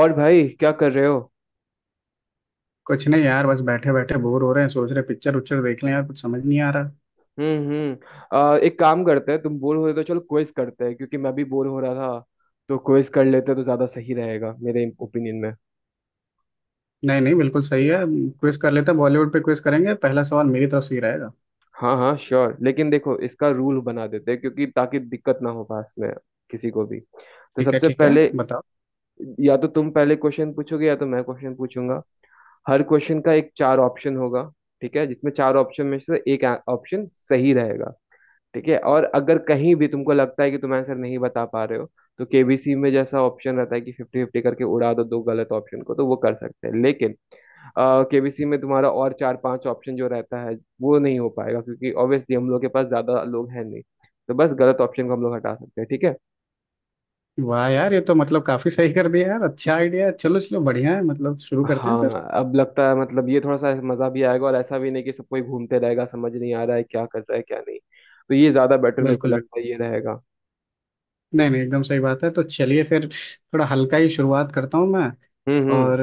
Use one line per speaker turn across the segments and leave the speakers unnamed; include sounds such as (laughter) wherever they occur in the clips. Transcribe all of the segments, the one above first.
और भाई क्या कर रहे हो।
कुछ नहीं यार बस बैठे बैठे बोर हो रहे हैं। सोच रहे पिक्चर उच्चर देख लें यार, कुछ समझ नहीं आ रहा।
हम्म। एक काम करते हैं, तुम बोर हो रहे हो तो चलो क्विज करते हैं क्योंकि मैं भी बोर हो रहा था। तो क्विज कर लेते हैं तो ज्यादा सही रहेगा मेरे ओपिनियन में।
नहीं नहीं, बिल्कुल सही है। क्विज कर लेते हैं, बॉलीवुड पे क्विज करेंगे। पहला सवाल मेरी तरफ से ही रहेगा।
हाँ हाँ श्योर, लेकिन देखो इसका रूल बना देते हैं क्योंकि ताकि दिक्कत ना हो पास में किसी को भी। तो
ठीक है
सबसे
ठीक है,
पहले
बताओ।
या तो तुम पहले क्वेश्चन पूछोगे या तो मैं क्वेश्चन पूछूंगा। हर क्वेश्चन का एक चार ऑप्शन होगा, ठीक है, जिसमें चार ऑप्शन में से एक ऑप्शन सही रहेगा। ठीक है, और अगर कहीं भी तुमको लगता है कि तुम आंसर नहीं बता पा रहे हो, तो केबीसी में जैसा ऑप्शन रहता है कि फिफ्टी फिफ्टी करके उड़ा दो दो गलत ऑप्शन को, तो वो कर सकते हैं, लेकिन केबीसी में तुम्हारा और चार पांच ऑप्शन जो रहता है वो नहीं हो पाएगा क्योंकि ऑब्वियसली हम लोग के पास ज्यादा लोग हैं नहीं। तो बस गलत ऑप्शन को हम लोग हटा सकते हैं, ठीक है।
वाह यार, ये तो मतलब काफी सही कर दिया यार, अच्छा आइडिया है। चलो चलो, बढ़िया है, मतलब शुरू करते हैं फिर।
हाँ अब लगता है मतलब ये थोड़ा सा मजा भी आएगा, और ऐसा भी नहीं कि सब कोई घूमते रहेगा समझ नहीं आ रहा है क्या कर रहा है क्या नहीं, तो ये ज्यादा बेटर मेरे को
बिल्कुल बिल्कुल।
लगता है ये रहेगा।
नहीं नहीं, एकदम सही बात है, तो चलिए फिर। थोड़ा हल्का ही शुरुआत करता हूँ मैं।
हम्म।
और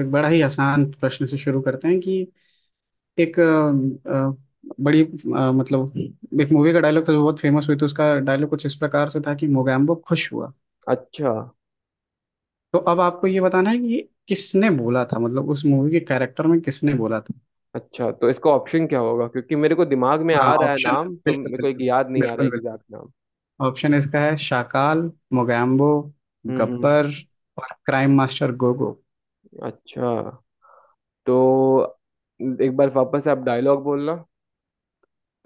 एक बड़ा ही आसान प्रश्न से शुरू करते हैं कि एक मतलब एक मूवी का डायलॉग था जो बहुत फेमस हुई थी। उसका डायलॉग कुछ इस प्रकार से था कि मोगैम्बो खुश हुआ।
अच्छा,
तो अब आपको ये बताना है कि ये किसने बोला था, मतलब उस मूवी के कैरेक्टर में किसने बोला था।
अच्छा तो इसका ऑप्शन क्या होगा, क्योंकि मेरे को दिमाग में
हाँ,
आ रहा है
ऑप्शन।
नाम, तो
बिल्कुल
मेरे को एक
बिल्कुल।
याद नहीं आ रहा है
बिल्कुल बिल्कुल।
एग्जैक्ट नाम।
ऑप्शन इसका है शाकाल, मोगैम्बो,
हम्म।
गब्बर और क्राइम मास्टर गोगो।
अच्छा, तो एक बार वापस आप डायलॉग बोलना।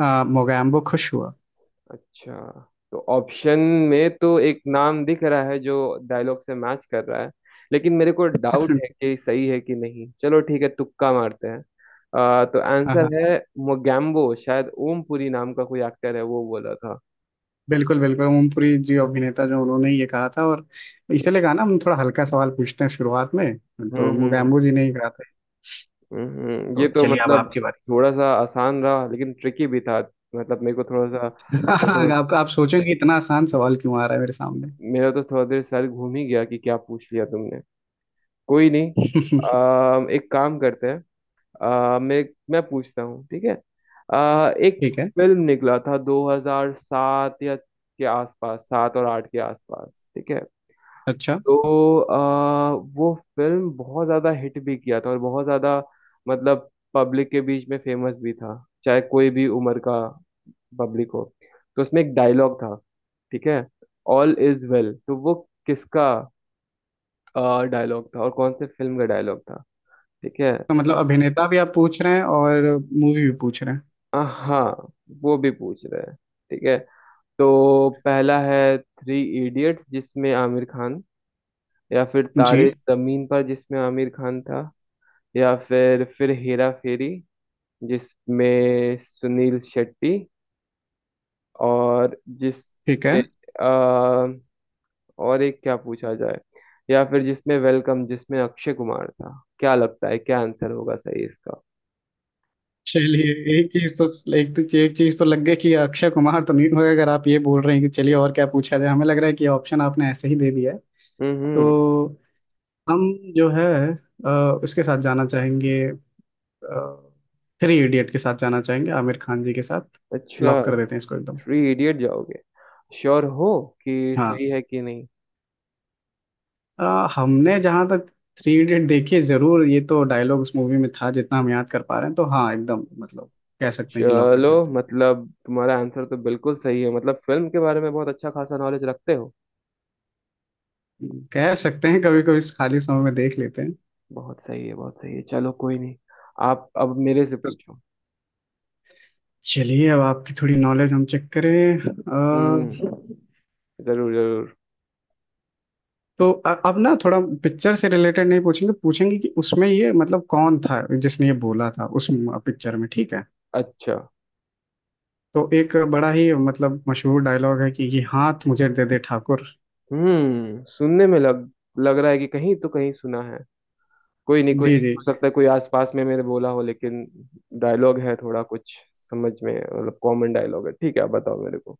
मोगैम्बो खुश हुआ।
अच्छा, तो ऑप्शन में तो एक नाम दिख रहा है जो डायलॉग से मैच कर रहा है, लेकिन मेरे को डाउट है कि सही है कि नहीं। चलो ठीक है तुक्का मारते हैं। तो आंसर है मोगैम्बो, शायद ओमपुरी नाम का कोई एक्टर है वो बोला था।
बिल्कुल बिल्कुल, ओमपुरी जी अभिनेता जो, उन्होंने ये कहा था। और इसीलिए कहा ना, हम थोड़ा हल्का सवाल पूछते हैं शुरुआत में। तो
हम्म
मुगैम्बो जी ने ही कहा था। तो
ये तो क्या
चलिए, अब
मतलब बात।
आपकी
थोड़ा सा आसान रहा लेकिन ट्रिकी भी था, मतलब मेरे को थोड़ा सा। मैं तो,
बारी। (laughs) आप सोचेंगे इतना आसान सवाल क्यों आ रहा है मेरे सामने।
मेरा तो थोड़ा देर सर घूम ही गया कि क्या पूछ लिया तुमने। कोई नहीं।
(laughs)
एक काम करते हैं। अम, मैं पूछता हूँ, ठीक है। एक
ठीक है।
फिल्म निकला था 2007 या के आसपास, सात और आठ के आसपास, ठीक है।
अच्छा,
तो वो फिल्म बहुत ज्यादा हिट भी किया था, और बहुत ज्यादा मतलब पब्लिक के बीच में फेमस भी था, चाहे कोई भी उम्र का पब्लिक हो। तो उसमें एक डायलॉग था, ठीक है। ऑल इज वेल, तो वो किसका डायलॉग था और कौन से फिल्म का डायलॉग था, ठीक है।
तो मतलब अभिनेता भी आप पूछ रहे हैं और मूवी भी पूछ रहे हैं।
हाँ, वो भी पूछ रहे हैं, ठीक है। तो पहला है थ्री इडियट्स जिसमें आमिर खान, या फिर
जी।
तारे जमीन पर जिसमें आमिर खान था, या फिर हेरा फेरी जिसमें सुनील शेट्टी, और
ठीक है।
जिसमें आ, और एक क्या पूछा जाए, या फिर जिसमें वेलकम जिसमें अक्षय कुमार था। क्या लगता है क्या आंसर होगा सही इसका।
चलिए, एक चीज तो एक चीज तो लग गई कि अक्षय कुमार तो नहीं होगा। अगर आप ये बोल रहे हैं कि चलिए और क्या पूछा जाए, हमें लग रहा है कि ऑप्शन आपने ऐसे ही दे दिया है।
हम्म।
तो हम जो है अ, उसके साथ जाना चाहेंगे, थ्री इडियट के साथ जाना चाहेंगे, आमिर खान जी के साथ।
अच्छा,
लॉक कर देते हैं इसको एकदम।
थ्री इडियट जाओगे, श्योर हो कि
हाँ,
सही है कि नहीं।
हमने जहाँ तक थ्री इडियट देखिए जरूर, ये तो डायलॉग उस मूवी में था जितना हम याद कर पा रहे हैं, तो हाँ एकदम मतलब कह सकते हैं कि लॉक कर
चलो,
देते हैं।
मतलब तुम्हारा आंसर तो बिल्कुल सही है, मतलब फिल्म के बारे में बहुत अच्छा खासा नॉलेज रखते हो।
कह सकते हैं कभी कभी खाली समय में देख लेते हैं।
बहुत सही है बहुत सही है, चलो कोई नहीं। आप अब मेरे से
तो
पूछो।
चलिए, अब आपकी थोड़ी नॉलेज हम चेक करें।
हम्म, जरूर जरूर।
तो अब ना थोड़ा पिक्चर से रिलेटेड नहीं पूछेंगे, पूछेंगे कि उसमें ये मतलब कौन था जिसने ये बोला था उस पिक्चर में, ठीक है।
अच्छा।
तो एक बड़ा ही मतलब मशहूर डायलॉग है कि ये हाथ मुझे दे दे ठाकुर।
हम्म, सुनने में लग लग रहा है कि कहीं तो कहीं सुना है। कोई नहीं कोई
जी
नहीं,
जी।
हो सकता है कोई आसपास में मैंने बोला हो, लेकिन डायलॉग है थोड़ा कुछ समझ में, मतलब कॉमन डायलॉग है। ठीक है, आप बताओ मेरे को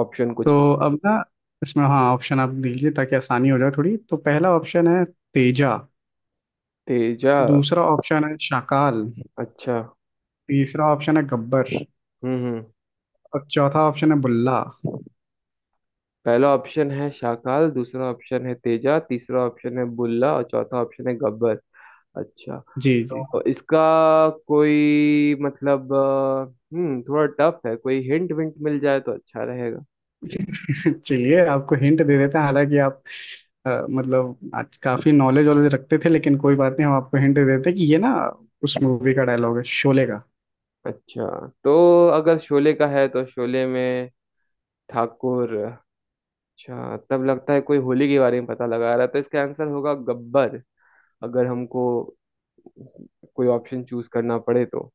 ऑप्शन कुछ भी।
तो अब ना, इसमें हाँ, ऑप्शन आप दीजिए ताकि आसानी हो जाए थोड़ी। तो पहला ऑप्शन है तेजा,
तेजा।
दूसरा ऑप्शन है शाकाल,
अच्छा।
तीसरा ऑप्शन है गब्बर
हम्म।
और चौथा ऑप्शन है बुल्ला।
पहला ऑप्शन है शाकाल, दूसरा ऑप्शन है तेजा, तीसरा ऑप्शन है बुल्ला, और चौथा ऑप्शन है गब्बर। अच्छा,
जी जी।
तो इसका कोई मतलब हम्म, थोड़ा टफ है, कोई हिंट विंट मिल जाए तो अच्छा रहेगा।
चलिए, आपको हिंट दे देते हैं। हालांकि आप मतलब आज काफी नॉलेज वॉलेज रखते थे, लेकिन कोई बात नहीं, हम आपको हिंट दे देते हैं कि ये ना उस मूवी का डायलॉग है, शोले का।
अच्छा, तो अगर शोले का है, तो शोले में ठाकुर। अच्छा, तब लगता है कोई होली के बारे में पता लगा रहा है, तो इसका आंसर होगा गब्बर, अगर हमको कोई ऑप्शन चूज करना पड़े तो।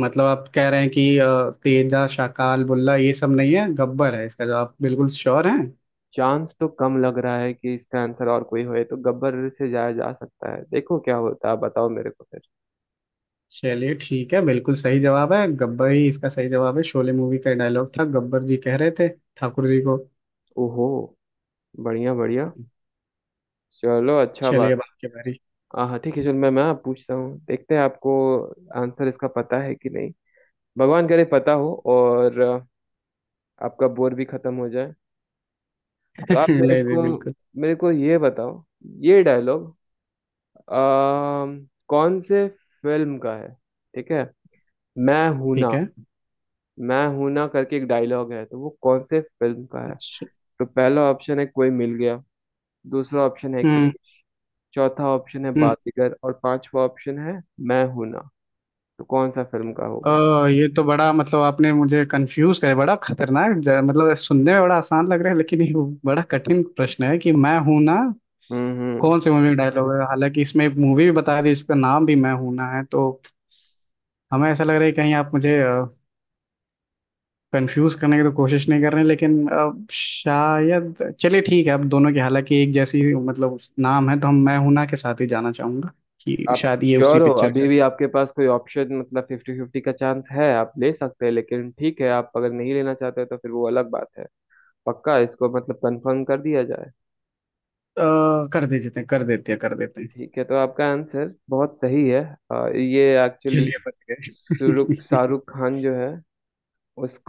मतलब आप कह रहे हैं कि तेजा, शाकाल, बुल्ला ये सब नहीं है, गब्बर है, इसका जवाब बिल्कुल श्योर है।
चांस तो कम लग रहा है कि इसका आंसर और कोई होए, तो गब्बर से जाया जा सकता है, देखो क्या होता है, बताओ मेरे को फिर।
चलिए ठीक है, बिल्कुल सही जवाब है, गब्बर ही इसका सही जवाब है। शोले मूवी का डायलॉग था, गब्बर जी कह रहे थे ठाकुर जी को।
ओहो। बढ़िया बढ़िया, चलो अच्छा
चलिए,
बात।
अब आपकी बारी।
हाँ हाँ ठीक है, चलो मैं आप पूछता हूँ, देखते हैं आपको आंसर इसका पता है कि नहीं। भगवान करे पता हो, और आपका बोर भी खत्म हो जाए। तो आप
(laughs) नहीं
मेरे
नहीं,
को
बिल्कुल।
मेरे को ये बताओ ये डायलॉग कौन से फिल्म का है, ठीक है। मैं हूं ना,
ठीक है।
मैं हूं ना करके एक डायलॉग है, तो वो कौन से फिल्म का है।
अच्छा।
तो पहला ऑप्शन है कोई मिल गया, दूसरा ऑप्शन है
हम्म
क्रेज, चौथा ऑप्शन है
हम्म।
बाजीगर, और पांचवा ऑप्शन है मैं हूं ना, तो कौन सा फिल्म का होगा।
ओ, ये तो बड़ा मतलब आपने मुझे कंफ्यूज करे, बड़ा खतरनाक मतलब सुनने में बड़ा आसान लग रहा है, लेकिन ये बड़ा कठिन प्रश्न है कि मैं हूं ना
हम्म।
कौन सी मूवी का डायलॉग है। हालांकि इसमें मूवी भी बता दी, इसका नाम भी मैं हूं ना है, तो हमें ऐसा लग रहा है कि कहीं आप मुझे कंफ्यूज करने की तो कोशिश नहीं कर रहे हैं, लेकिन अब शायद चलिए ठीक है, अब दोनों की हालांकि एक जैसी मतलब नाम है, तो हम मैं हूं ना के साथ ही जाना चाहूंगा कि
आप
शायद ये उसी
श्योर हो,
पिक्चर का
अभी
है।
भी आपके पास कोई ऑप्शन मतलब फिफ्टी फिफ्टी का चांस है, आप ले सकते हैं, लेकिन ठीक है, आप अगर नहीं लेना चाहते तो फिर वो अलग बात है। पक्का इसको मतलब कंफर्म कर दिया जाए।
कर दीजिए, कर देते हैं।
ठीक है, तो आपका आंसर बहुत सही है। ये एक्चुअली
चलिए बच
शाहरुख
गए।
शाहरुख खान जो है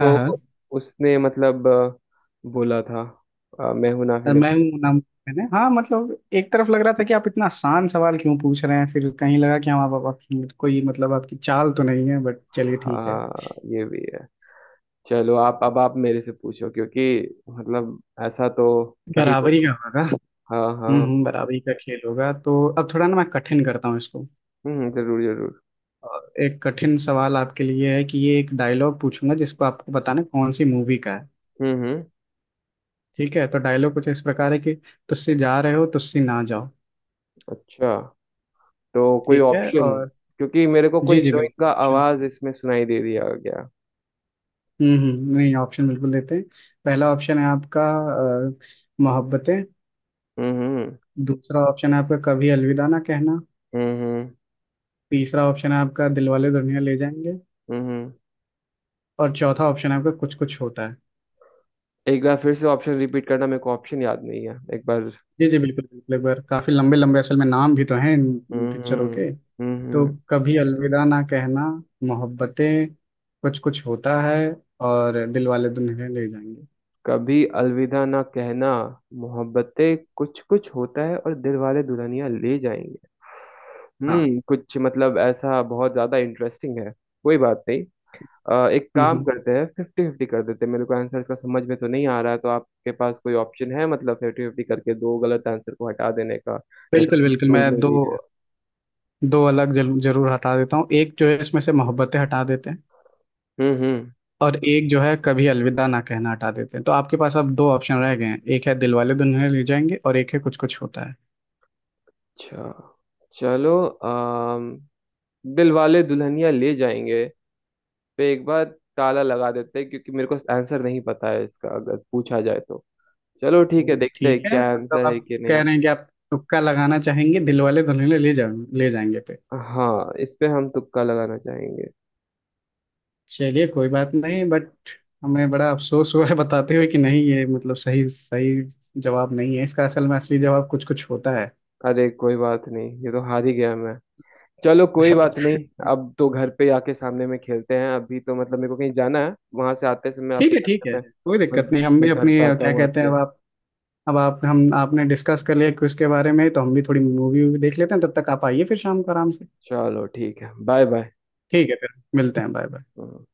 (laughs) हाँ हाँ।
उसने मतलब बोला था। मैं हूं ना फिल्म।
मैं हूँ नाम, मैंने, हाँ मतलब एक तरफ लग रहा था कि आप इतना आसान सवाल क्यों पूछ रहे हैं, फिर कहीं लगा कि हम आप, आपकी कोई मतलब आपकी चाल तो नहीं है, बट चलिए ठीक है।
हाँ, ये भी है। चलो, आप अब आप मेरे से पूछो क्योंकि मतलब ऐसा तो क्या ही
बराबरी
बोलूं।
का होगा।
हाँ हाँ।
बराबरी का खेल होगा। तो अब थोड़ा ना मैं कठिन करता हूँ इसको।
हम्म, जरूर जरूर।
और एक कठिन सवाल आपके लिए है कि ये एक डायलॉग पूछूंगा जिसको आपको बताना है कौन सी मूवी का है।
हम्म।
ठीक है, तो डायलॉग कुछ इस प्रकार है कि तुझसे जा रहे हो तुझसे ना जाओ।
अच्छा, तो कोई
ठीक है।
ऑप्शन,
और
क्योंकि मेरे को कोई
जी जी
हीरोइन का
बिल्कुल।
आवाज इसमें सुनाई दे दिया गया।
नहीं ऑप्शन बिल्कुल देते हैं। पहला ऑप्शन है आपका अ, मोहब्बतें,
हम्म।
दूसरा ऑप्शन है आपका कभी अलविदा ना कहना,
हम्म।
तीसरा ऑप्शन है आपका दिलवाले दुल्हनिया ले जाएंगे
हम्म। हम्म।
और चौथा ऑप्शन है आपका कुछ कुछ होता है।
एक बार फिर से ऑप्शन रिपीट करना, मेरे को ऑप्शन याद नहीं है एक बार।
जी जी, बिल्कुल बिल्कुल। एक बार काफी लंबे लंबे असल में नाम भी तो हैं इन इन पिक्चरों
हम्म।
के।
हम्म।
तो
हम्म।
कभी अलविदा ना कहना, मोहब्बतें, कुछ कुछ होता है और दिलवाले दुल्हनिया ले जाएंगे।
कभी अलविदा ना कहना, मोहब्बतें, कुछ कुछ होता है, और दिल वाले दुल्हनिया ले जाएंगे।
हाँ।
हम्म, कुछ मतलब ऐसा बहुत ज्यादा इंटरेस्टिंग है। कोई बात नहीं, एक
हम्म
काम
हम्म,
करते हैं, फिफ्टी फिफ्टी कर देते हैं, मेरे को आंसर इसका समझ में तो नहीं आ रहा है, तो आपके पास कोई ऑप्शन है मतलब फिफ्टी फिफ्टी करके दो गलत आंसर को हटा देने का, जैसा
बिल्कुल
कि
बिल्कुल। मैं
रूल में
दो
भी है।
दो अलग जरूर जरूर हटा देता हूँ। एक जो है इसमें से मोहब्बतें हटा देते हैं
हम्म।
और एक जो है कभी अलविदा ना कहना हटा देते हैं। तो आपके पास अब दो ऑप्शन रह गए हैं, एक है दिलवाले दुल्हनिया ले जाएंगे और एक है कुछ कुछ होता है।
अच्छा, चलो। अम दिल वाले दुल्हनिया ले जाएंगे पे एक बार ताला लगा देते हैं, क्योंकि मेरे को आंसर नहीं पता है इसका अगर पूछा जाए तो। चलो ठीक
तो
है, देखते हैं
ठीक
ठीक
है,
क्या है
मतलब
आंसर है
आप
कि
कह
नहीं।
रहे हैं कि आप तुक्का लगाना चाहेंगे दिलवाले दुल्हनिया ले जाएंगे पे।
हाँ, इस पे हम तुक्का लगाना चाहेंगे।
चलिए, कोई बात नहीं, बट हमें बड़ा अफसोस हुआ है बताते हुए कि नहीं, ये मतलब सही सही जवाब नहीं है इसका। असल में असली जवाब कुछ कुछ होता है।
अरे कोई बात नहीं, ये तो हार ही गया मैं। चलो कोई बात नहीं, अब तो घर पे आके सामने में खेलते हैं, अभी तो मतलब मेरे को कहीं जाना है, वहां से आते समय
ठीक
आपके
है
घर
ठीक है,
पे मैं,
कोई
मैं
दिक्कत नहीं, हम
मैं
भी
घर
अपनी
पे आता
क्या
हूँ
कहते हैं,
आपके।
अब आप, हम आपने डिस्कस कर लिया क्विज के बारे में, तो हम भी थोड़ी मूवी वूवी देख लेते हैं तब तक। आप आइए फिर शाम को आराम से।
चलो ठीक है, बाय
ठीक है फिर, मिलते हैं, बाय बाय।
बाय।